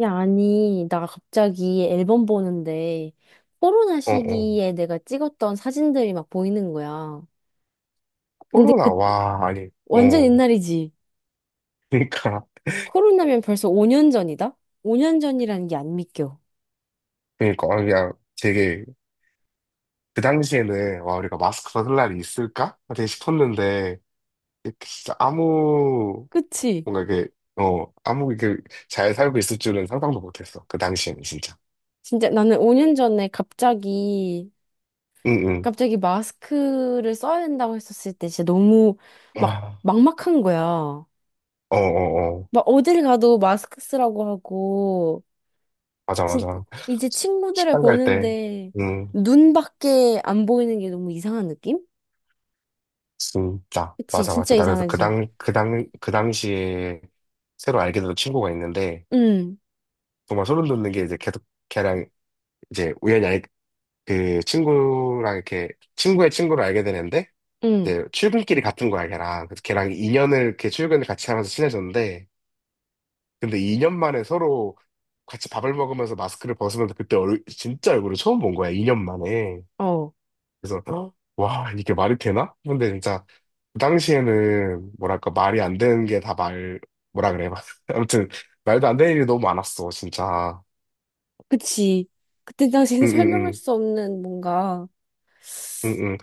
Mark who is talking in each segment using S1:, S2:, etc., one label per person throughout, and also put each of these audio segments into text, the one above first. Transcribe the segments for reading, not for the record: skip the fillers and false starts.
S1: 야, 아니, 나 갑자기 앨범 보는데 코로나
S2: 어, 어.
S1: 시기에 내가 찍었던 사진들이 막 보이는 거야. 근데 그
S2: 코로나, 와, 아니,
S1: 완전
S2: 어.
S1: 옛날이지.
S2: 그러니까,
S1: 코로나면 벌써 5년 전이다? 5년 전이라는 게 안 믿겨.
S2: 그러니까, 아, 그냥 되게, 그 당시에는, 와, 우리가 마스크 벗을 날이 있을까? 되게 싶었는데, 진짜 아무,
S1: 그치?
S2: 뭔가 이게, 아무 이게 잘 살고 있을 줄은 상상도 못했어. 그 당시에는, 진짜.
S1: 진짜 나는 5년 전에 갑자기
S2: 응, 응.
S1: 갑자기 마스크를 써야 된다고 했었을 때 진짜 너무 막
S2: 와,
S1: 막막한 거야.
S2: 어, 어, 어.
S1: 막 어딜 가도 마스크 쓰라고 하고
S2: 맞아,
S1: 진,
S2: 맞아.
S1: 이제 친구들을
S2: 식당 갈 때,
S1: 보는데
S2: 응,
S1: 눈밖에 안 보이는 게 너무 이상한 느낌?
S2: 진짜.
S1: 그치,
S2: 맞아,
S1: 진짜
S2: 맞아. 나 그래서 그
S1: 이상하지.
S2: 당, 그 당, 그 당시에 새로 알게 된 친구가 있는데,
S1: 응,
S2: 정말 소름 돋는 게 이제 계속 걔랑 이제 우연히 알, 그 친구랑 이렇게 친구의 친구를 알게 되는데
S1: 응,
S2: 이제 출근길이 같은 거야 걔랑. 그래서 걔랑 2년을 이렇게 출근을 같이 하면서 친해졌는데 근데 2년 만에 서로 같이 밥을 먹으면서 마스크를 벗으면서 그때 얼 진짜 얼굴을 처음 본 거야, 2년 만에.
S1: 어,
S2: 그래서 어? 와, 이게 말이 되나? 근데 진짜 그 당시에는 뭐랄까 말이 안 되는 게 다 말 뭐라 그래. 아무튼 말도 안 되는 일이 너무 많았어, 진짜.
S1: 그치. 그때 당시엔
S2: 응응응.
S1: 설명할 수 없는 뭔가,
S2: 응응.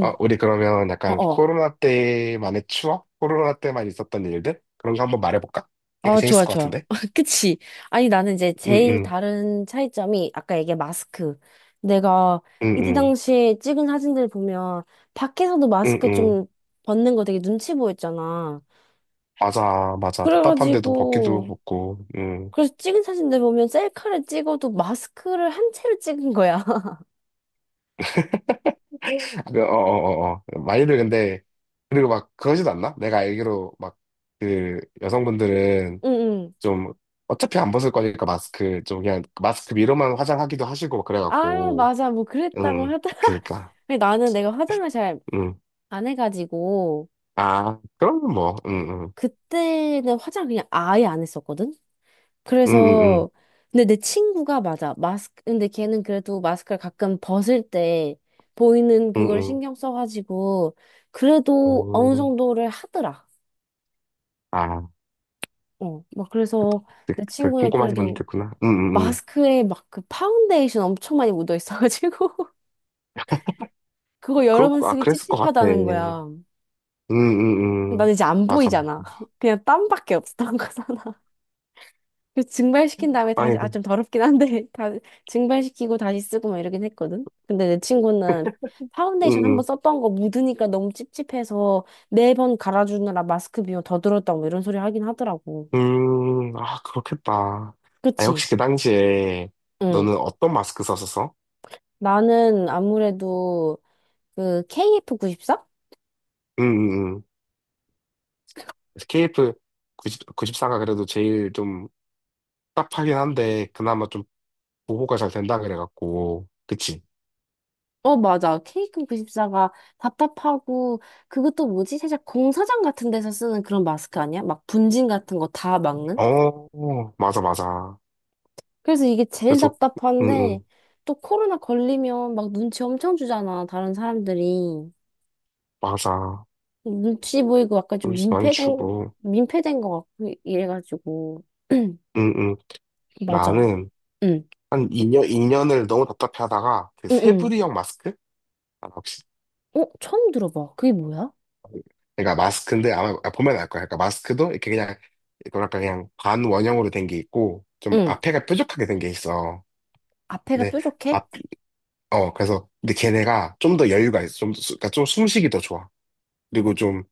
S2: 아, 우리 그러면
S1: 어,
S2: 약간
S1: 어,
S2: 코로나 때만의 추억? 코로나 때만 있었던 일들? 그런 거 한번 말해볼까? 되게
S1: 어,
S2: 재밌을
S1: 좋아,
S2: 것
S1: 좋아.
S2: 같은데?
S1: 그치. 아니, 나는 이제 제일
S2: 응응,
S1: 다른 차이점이 아까 얘기한 마스크. 내가 이때
S2: 응응,
S1: 당시에 찍은 사진들 보면 밖에서도 마스크
S2: 응응.
S1: 좀 벗는 거 되게 눈치 보였잖아.
S2: 맞아, 맞아. 답답한데도 벗기도
S1: 그래가지고,
S2: 벗고, 응.
S1: 그래서 찍은 사진들 보면 셀카를 찍어도 마스크를 한 채로 찍은 거야.
S2: 그, 어, 어, 어, 어. 많이들 근데, 그리고 막 그러지도 않나? 내가 알기로 막, 그, 여성분들은
S1: 응, 응.
S2: 좀, 어차피 안 벗을 거니까 마스크, 좀 그냥 마스크 위로만 화장하기도 하시고 막
S1: 아,
S2: 그래갖고,
S1: 맞아. 뭐 그랬다고
S2: 응,
S1: 하더라.
S2: 그니까,
S1: 근데 나는 내가 화장을 잘
S2: 응.
S1: 안 해가지고,
S2: 아, 그럼 뭐, 응, 응,
S1: 그때는 화장 그냥 아예 안 했었거든?
S2: 응, 응. 응.
S1: 그래서, 근데 내 친구가 맞아. 마스크, 근데 걔는 그래도 마스크를 가끔 벗을 때 보이는 그걸
S2: 응응.
S1: 신경 써가지고,
S2: 응.
S1: 그래도
S2: 응.
S1: 어느
S2: 어.
S1: 정도를 하더라.
S2: 아,
S1: 어, 막 그래서
S2: 그,
S1: 내
S2: 그
S1: 친구는
S2: 꼼꼼하게 보면
S1: 그래도
S2: 됐구나. 응응응.
S1: 마스크에 막 그 파운데이션 엄청 많이 묻어 있어가지고 그거 여러
S2: 그럴
S1: 번
S2: 거, 아,
S1: 쓰기
S2: 그랬을 것 같아.
S1: 찝찝하다는 거야. 난
S2: 응응응.
S1: 이제 안
S2: 맞아.
S1: 보이잖아. 그냥 땀밖에 없었던 거잖아. 그래서 증발시킨 다음에
S2: 아
S1: 다시
S2: 니
S1: 아
S2: 그-
S1: 좀 더럽긴 한데 다 증발시키고 다시 쓰고 막 이러긴 했거든. 근데 내 친구는 파운데이션 한번
S2: 응응.
S1: 썼던 거 묻으니까 너무 찝찝해서 네 번 갈아주느라 마스크 비용 더 들었다고 뭐 이런 소리 하긴 하더라고.
S2: 아, 그렇겠다. 아니,
S1: 그치?
S2: 혹시 그 당시에
S1: 응.
S2: 너는 어떤 마스크 썼었어?
S1: 나는 아무래도 그 KF94?
S2: 응응응. KF 9구십4가 그래도 제일 좀 답하긴 한데, 그나마 좀 보호가 잘 된다 그래갖고. 그치?
S1: 어, 맞아. 케이크 94가 답답하고, 그것도 뭐지? 살짝 공사장 같은 데서 쓰는 그런 마스크 아니야? 막 분진 같은 거 다 막는?
S2: 어, 맞아, 맞아.
S1: 그래서 이게 제일
S2: 그래서, 응응.
S1: 답답한데, 또 코로나 걸리면 막 눈치 엄청 주잖아, 다른 사람들이.
S2: 맞아.
S1: 눈치 보이고 약간
S2: 좀
S1: 좀
S2: 많이
S1: 민폐된,
S2: 주고.
S1: 민폐된 것 같고, 이래가지고.
S2: 응, 응.
S1: 맞아.
S2: 나는
S1: 응,
S2: 한 2년, 이년을 너무 답답해하다가 그
S1: 응, 응.
S2: 세부리형 마스크? 아, 혹시
S1: 어, 처음 들어봐. 그게 뭐야?
S2: 그러니까 마스크인데 아마 아, 보면 알 거야. 그러니까 마스크도 이렇게 그냥 뭐랄까 그냥 반원형으로 된 게 있고 좀
S1: 응.
S2: 앞에가 뾰족하게 된 게 있어.
S1: 앞에가
S2: 근데
S1: 뾰족해?
S2: 앞, 어 그래서 근데 걔네가 좀 더 여유가 있어. 좀 그러니까 좀 숨쉬기 더 좋아. 그리고 좀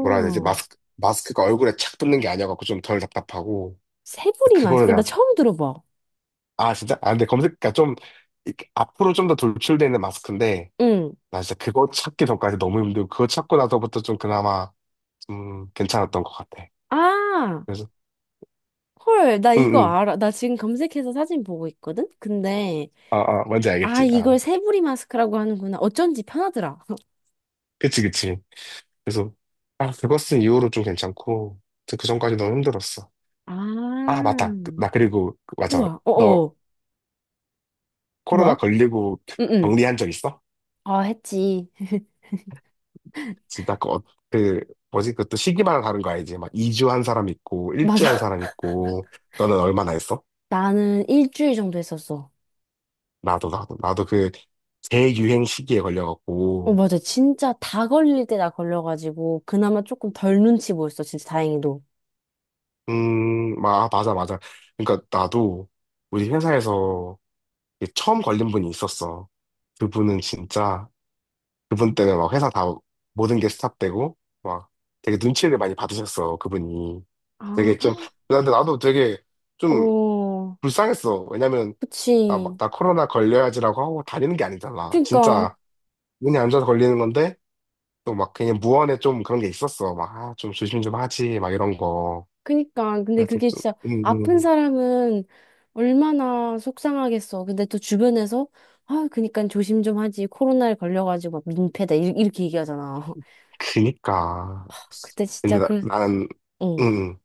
S2: 뭐라 해야 되지? 마스크 마스크가 얼굴에 착 붙는 게 아니어갖고 좀 덜 답답하고
S1: 새부리
S2: 그거를
S1: 마스크. 나
S2: 내가.
S1: 처음 들어봐.
S2: 아 진짜? 아 근데 검색 그러니까 좀 이렇게 앞으로 좀 더 돌출되는 마스크인데
S1: 응.
S2: 나 진짜 그거 찾기 전까지 너무 힘들고, 그거 찾고 나서부터 좀 그나마 좀 괜찮았던 것 같아.
S1: 아,
S2: 그래서,
S1: 헐, 나
S2: 응,
S1: 이거
S2: 응.
S1: 알아. 나 지금 검색해서 사진 보고 있거든? 근데,
S2: 아, 아, 뭔지
S1: 아,
S2: 알겠지. 아,
S1: 이걸 새부리 마스크라고 하는구나. 어쩐지 편하더라.
S2: 그치, 그치. 그래서, 아, 그거 쓴 이후로 좀 괜찮고, 그 전까지 너무 힘들었어. 아,
S1: 아,
S2: 맞다. 그- 나 그리고, 그- 맞아.
S1: 우와,
S2: 너
S1: 어어,
S2: 코로나
S1: 뭐야?
S2: 걸리고
S1: 응, 응.
S2: 격리한 적 있어?
S1: 아, 했지.
S2: 진짜 그, 어- 그, 뭐지? 그것도 시기마다 다른 거 알지? 막 2주 한 사람 있고, 1주 한
S1: 맞아.
S2: 사람 있고, 너는 얼마나 했어?
S1: 나는 일주일 정도 했었어.
S2: 나도, 나도, 나도 그, 재유행 시기에
S1: 어,
S2: 걸려갖고,
S1: 맞아. 진짜 다 걸릴 때 나 걸려가지고, 그나마 조금 덜 눈치 보였어. 진짜 다행히도.
S2: 마- 아, 맞아, 맞아. 그러니까 나도 우리 회사에서 이게 처음 걸린 분이 있었어. 그분은 진짜, 그분 때문에 막 회사 다 모든 게 스탑되고, 막 되게 눈치를 많이 받으셨어, 그분이.
S1: 아,
S2: 되게 좀, 근데 나도 되게 좀
S1: 어,
S2: 불쌍했어. 왜냐면, 나 막,
S1: 그치.
S2: 나 코로나 걸려야지라고 하고 다니는 게 아니잖아.
S1: 그니까.
S2: 진짜 운이 안 좋아서 걸리는 건데, 또 막 그냥 무언에 좀 그런 게 있었어. 막, 아, 좀 조심 좀 하지, 막 이런 거.
S1: 그니까 근데
S2: 그래서
S1: 그게
S2: 좀,
S1: 진짜
S2: 음,
S1: 아픈
S2: 음.
S1: 사람은 얼마나 속상하겠어. 근데 또 주변에서 아 그니까 조심 좀 하지. 코로나에 걸려가지고 막 민폐다 이- 이렇게 얘기하잖아.
S2: 그니까.
S1: 그때 진짜
S2: 근데 나,
S1: 그
S2: 나는, 응,
S1: 응.
S2: 응.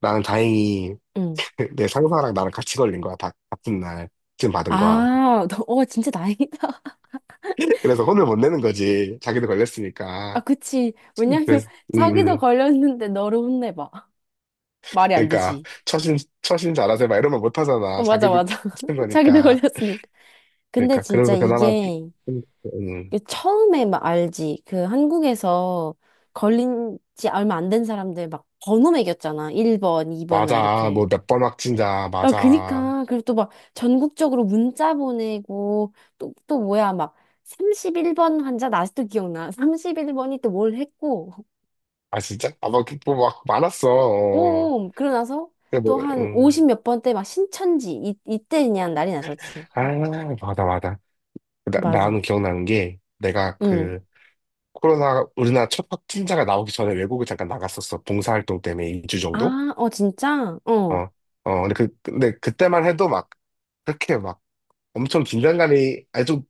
S2: 나는 다행히
S1: 응.
S2: 내 상사랑 나랑 같이 걸린 거야. 다 같은 날 지금 받은 거야.
S1: 아, 너, 어, 진짜 다행이다.
S2: 그래서 혼을 못 내는 거지. 자기도
S1: 아,
S2: 걸렸으니까.
S1: 그치. 왜냐면,
S2: 그래서, 음,
S1: 자기도
S2: 음.
S1: 걸렸는데 너를 혼내봐. 말이 안
S2: 그러니까
S1: 되지.
S2: 처신, 처신 잘하세요. 막 이런 말 못 하잖아.
S1: 어, 맞아,
S2: 자기도
S1: 맞아.
S2: 그런
S1: 자기도
S2: 거니까.
S1: 걸렸으니까. 근데
S2: 그러니까
S1: 진짜
S2: 그래서 그나마, 좀,
S1: 이게
S2: 음,
S1: 이게 처음에 막 알지. 그 한국에서 걸린 지 얼마 안 된 사람들 막 번호 매겼잖아. 1번, 2번 막
S2: 맞아.
S1: 이렇게.
S2: 뭐 몇 번 확진자,
S1: 아,
S2: 맞아.
S1: 그니까. 그리고 또 막 전국적으로 문자 보내고 또, 또 뭐야. 막 31번 환자, 나 아직도 기억나. 31번이 또 뭘 했고.
S2: 아, 진짜? 아, 막, 뭐, 막 많았어. 어.
S1: 오, 그러고 나서
S2: 근데 뭐,
S1: 또 한 50 몇 번 때 막 신천지. 이, 이때 그냥 난리 났었지.
S2: 아, 맞아, 맞아. 그 나,
S1: 맞아.
S2: 나는 기억나는 게 내가
S1: 응.
S2: 그 코로나 우리나라 첫 확진자가 나오기 전에 외국을 잠깐 나갔었어. 봉사활동 때문에 2주 정도?
S1: 아, 어, 진짜? 어.
S2: 어, 어, 근데 그, 근데 그때만 해도 막 그렇게 막 엄청 긴장감이 아주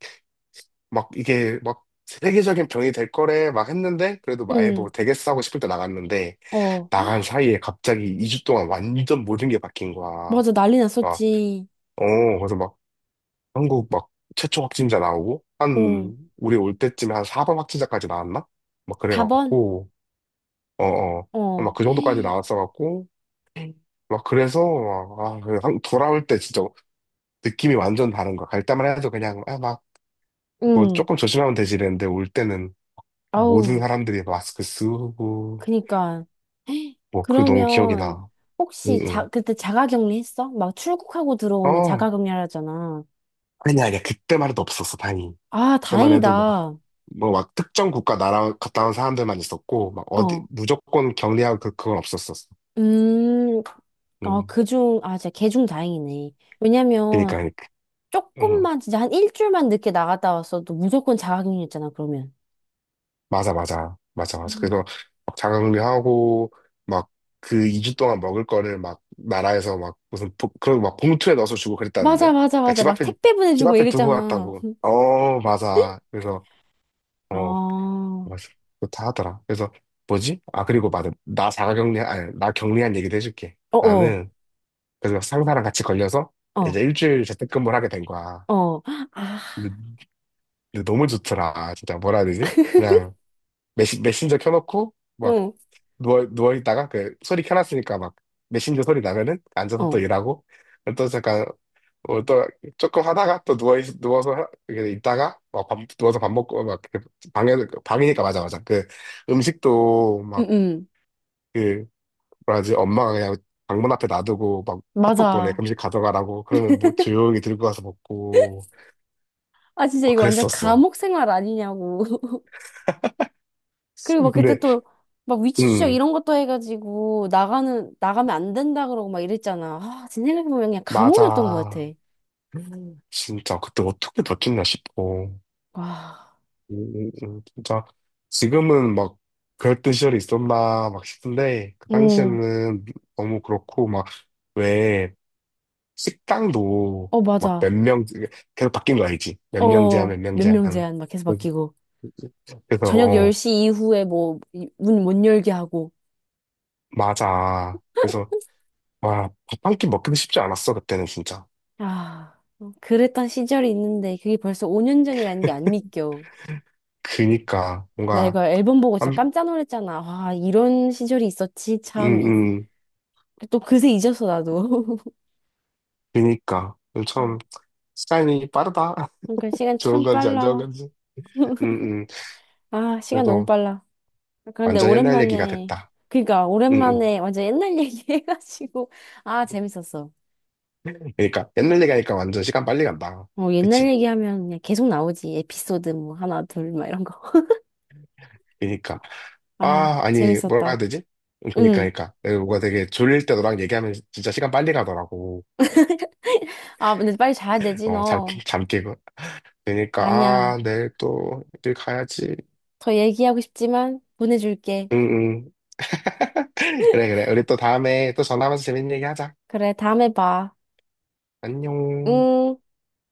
S2: 막 이게 막 세계적인 병이 될 거래 막 했는데 그래도 막 아예
S1: 응.
S2: 뭐 되겠어 하고 싶을 때 나갔는데
S1: 어.
S2: 나간 사이에 갑자기 2주 동안 완전 모든 게 바뀐 거야.
S1: 맞아, 난리
S2: 막,
S1: 났었지.
S2: 어, 그래서 막 한국 막 최초 확진자 나오고
S1: 응.
S2: 한 우리 올 때쯤에 한 4번 확진자까지 나왔나? 막
S1: 다번
S2: 그래갖고 어어 막
S1: 어.
S2: 그 정도까지 나왔어갖고 막 그래서 막, 아, 그 돌아올 때 진짜 느낌이 완전 다른 거야. 갈 때만 해도 그냥 아, 막 뭐
S1: 응.
S2: 조금 조심하면 되지 이랬는데 올 때는 모든
S1: 아우,
S2: 사람들이 마스크 쓰고
S1: 그니까.
S2: 뭐 그 너무 기억이
S1: 그러면
S2: 나.
S1: 혹시
S2: 응응.
S1: 자, 그때 자가격리 했어? 막 출국하고 들어오면
S2: 어
S1: 자가격리하잖아.
S2: 아니야 아니야 그때만 해도 없었어, 다행히.
S1: 아,
S2: 그때만 해도 뭐
S1: 다행이다.
S2: 뭐 막 특정 국가 나라 갔다 온 사람들만 있었고 막 어디
S1: 어.
S2: 무조건 격리하고 그 그건 없었었어.
S1: 음. 아,
S2: 음.
S1: 그중, 아, 진짜 개중 다행이네. 왜냐면
S2: 그러니까 그러니까. 음.
S1: 조금만 진짜 한 일주일만 늦게 나갔다 왔어도 무조건 자가격리였잖아, 그러면.
S2: 맞아 맞아 맞아 맞아.
S1: 음.
S2: 그래서 막 자가격리하고 막 그 2주 동안 먹을 거를 막 나라에서 막 무슨 보, 그런 막 봉투에 넣어서 주고
S1: 맞아,
S2: 그랬다는데.
S1: 맞아,
S2: 그러니까
S1: 맞아.
S2: 집
S1: 막
S2: 앞에
S1: 택배
S2: 집
S1: 보내주고 막
S2: 앞에 두고
S1: 이랬잖아.
S2: 갔다고. 어 맞아. 그래서
S1: 아,
S2: 어
S1: 어
S2: 맞아. 그렇다 하더라. 그래서 뭐지? 아 그리고 맞아. 나 자가격리 아니 나 격리한 얘기도 해줄게.
S1: 어어.
S2: 나는 그래서 상사랑 같이 걸려서
S1: 어.
S2: 이제 1주일 재택근무를 하게 된 거야.
S1: 어, 아,
S2: 근데, 근데 너무 좋더라. 진짜 뭐라 해야 되지? 그냥 메신저 켜놓고 막
S1: 어,
S2: 누워있다가 그 소리 켜놨으니까 막 메신저 소리 나면은 앉아서 또
S1: 어,
S2: 일하고 또 잠깐 어, 또 조금 하다가 또 누워서 이렇게 있다가 막 밥, 누워서 밥 먹고 막 이렇게 방에 방이니까 맞아 맞아 그 음식도
S1: 응, 응.
S2: 막그 뭐라지 엄마가 그냥 방문 앞에 놔두고 막 카톡 보내
S1: 맞아.
S2: 음식 가져가라고 그러면 뭐 조용히 들고 가서 먹고.
S1: 아, 진짜
S2: 아,
S1: 이거 완전
S2: 그랬었어.
S1: 감옥 생활 아니냐고. 그리고 막 그때
S2: 근데,
S1: 또, 막 위치 추적
S2: 음,
S1: 이런 것도 해가지고, 나가는, 나가면 안 된다 그러고 막 이랬잖아. 아, 지금 생각해보면 그냥 감옥이었던 것 같아.
S2: 맞아. 진짜, 그때 어떻게 다쳤나 싶어.
S1: 와,
S2: 진짜, 지금은 막, 그랬던 시절이 있었나, 막 싶은데, 그
S1: 응,
S2: 당시에는 너무 그렇고, 막, 왜, 식당도,
S1: 어,
S2: 막, 몇
S1: 맞아.
S2: 명, 계속 바뀐 거 알지? 몇 명 제한,
S1: 어,
S2: 몇 명
S1: 몇 명
S2: 제한.
S1: 제한 막 계속
S2: 그래서,
S1: 바뀌고.
S2: 그래서,
S1: 저녁
S2: 어,
S1: 10시 이후에 뭐, 문 못 열게 하고.
S2: 맞아. 그래서, 와, 밥 한 끼 먹기도 쉽지 않았어, 그때는 진짜.
S1: 아, 그랬던 시절이 있는데, 그게 벌써 5년 전이라는 게 안 믿겨.
S2: 그니까,
S1: 나
S2: 뭔가,
S1: 이거 앨범 보고 진짜
S2: 한,
S1: 깜짝 놀랐잖아. 와, 이런 시절이 있었지.
S2: 음,
S1: 참. 이-
S2: 음.
S1: 또 그새 잊었어, 나도.
S2: 그니까 참
S1: 음.
S2: 시간이 빠르다.
S1: 그러니까 시간
S2: 좋은
S1: 참
S2: 건지 안 좋은
S1: 빨라.
S2: 건지. 응응.
S1: 아, 시간 너무
S2: 그래도
S1: 빨라. 그런데
S2: 완전 옛날 얘기가
S1: 오랜만에,
S2: 됐다.
S1: 그러니까
S2: 응응.
S1: 오랜만에 완전 옛날 얘기 해가지고, 아, 재밌었어.
S2: 그러니까 옛날 얘기하니까 완전 시간 빨리 간다.
S1: 어, 옛날
S2: 그치?
S1: 얘기하면 그냥 계속 나오지. 에피소드 뭐 하나, 둘, 막 이런 거.
S2: 그니까 러
S1: 아,
S2: 아 아니 뭐라
S1: 재밌었다.
S2: 해야 되지? 그니까
S1: 응.
S2: 러 그니까 내가 뭐가 되게 졸릴 때 너랑 얘기하면 진짜 시간 빨리 가더라고.
S1: 아, 근데 빨리 자야 되지, 너.
S2: 어잠잠 깨고. 그니까 러아
S1: 아니야.
S2: 내일 또일 가야지.
S1: 더 얘기하고 싶지만 보내줄게.
S2: 응응. 그래 그래. 우리 또 다음에 또 전화하면서 재밌는 얘기 하자.
S1: 그래, 다음에 봐.
S2: 안녕.
S1: 응.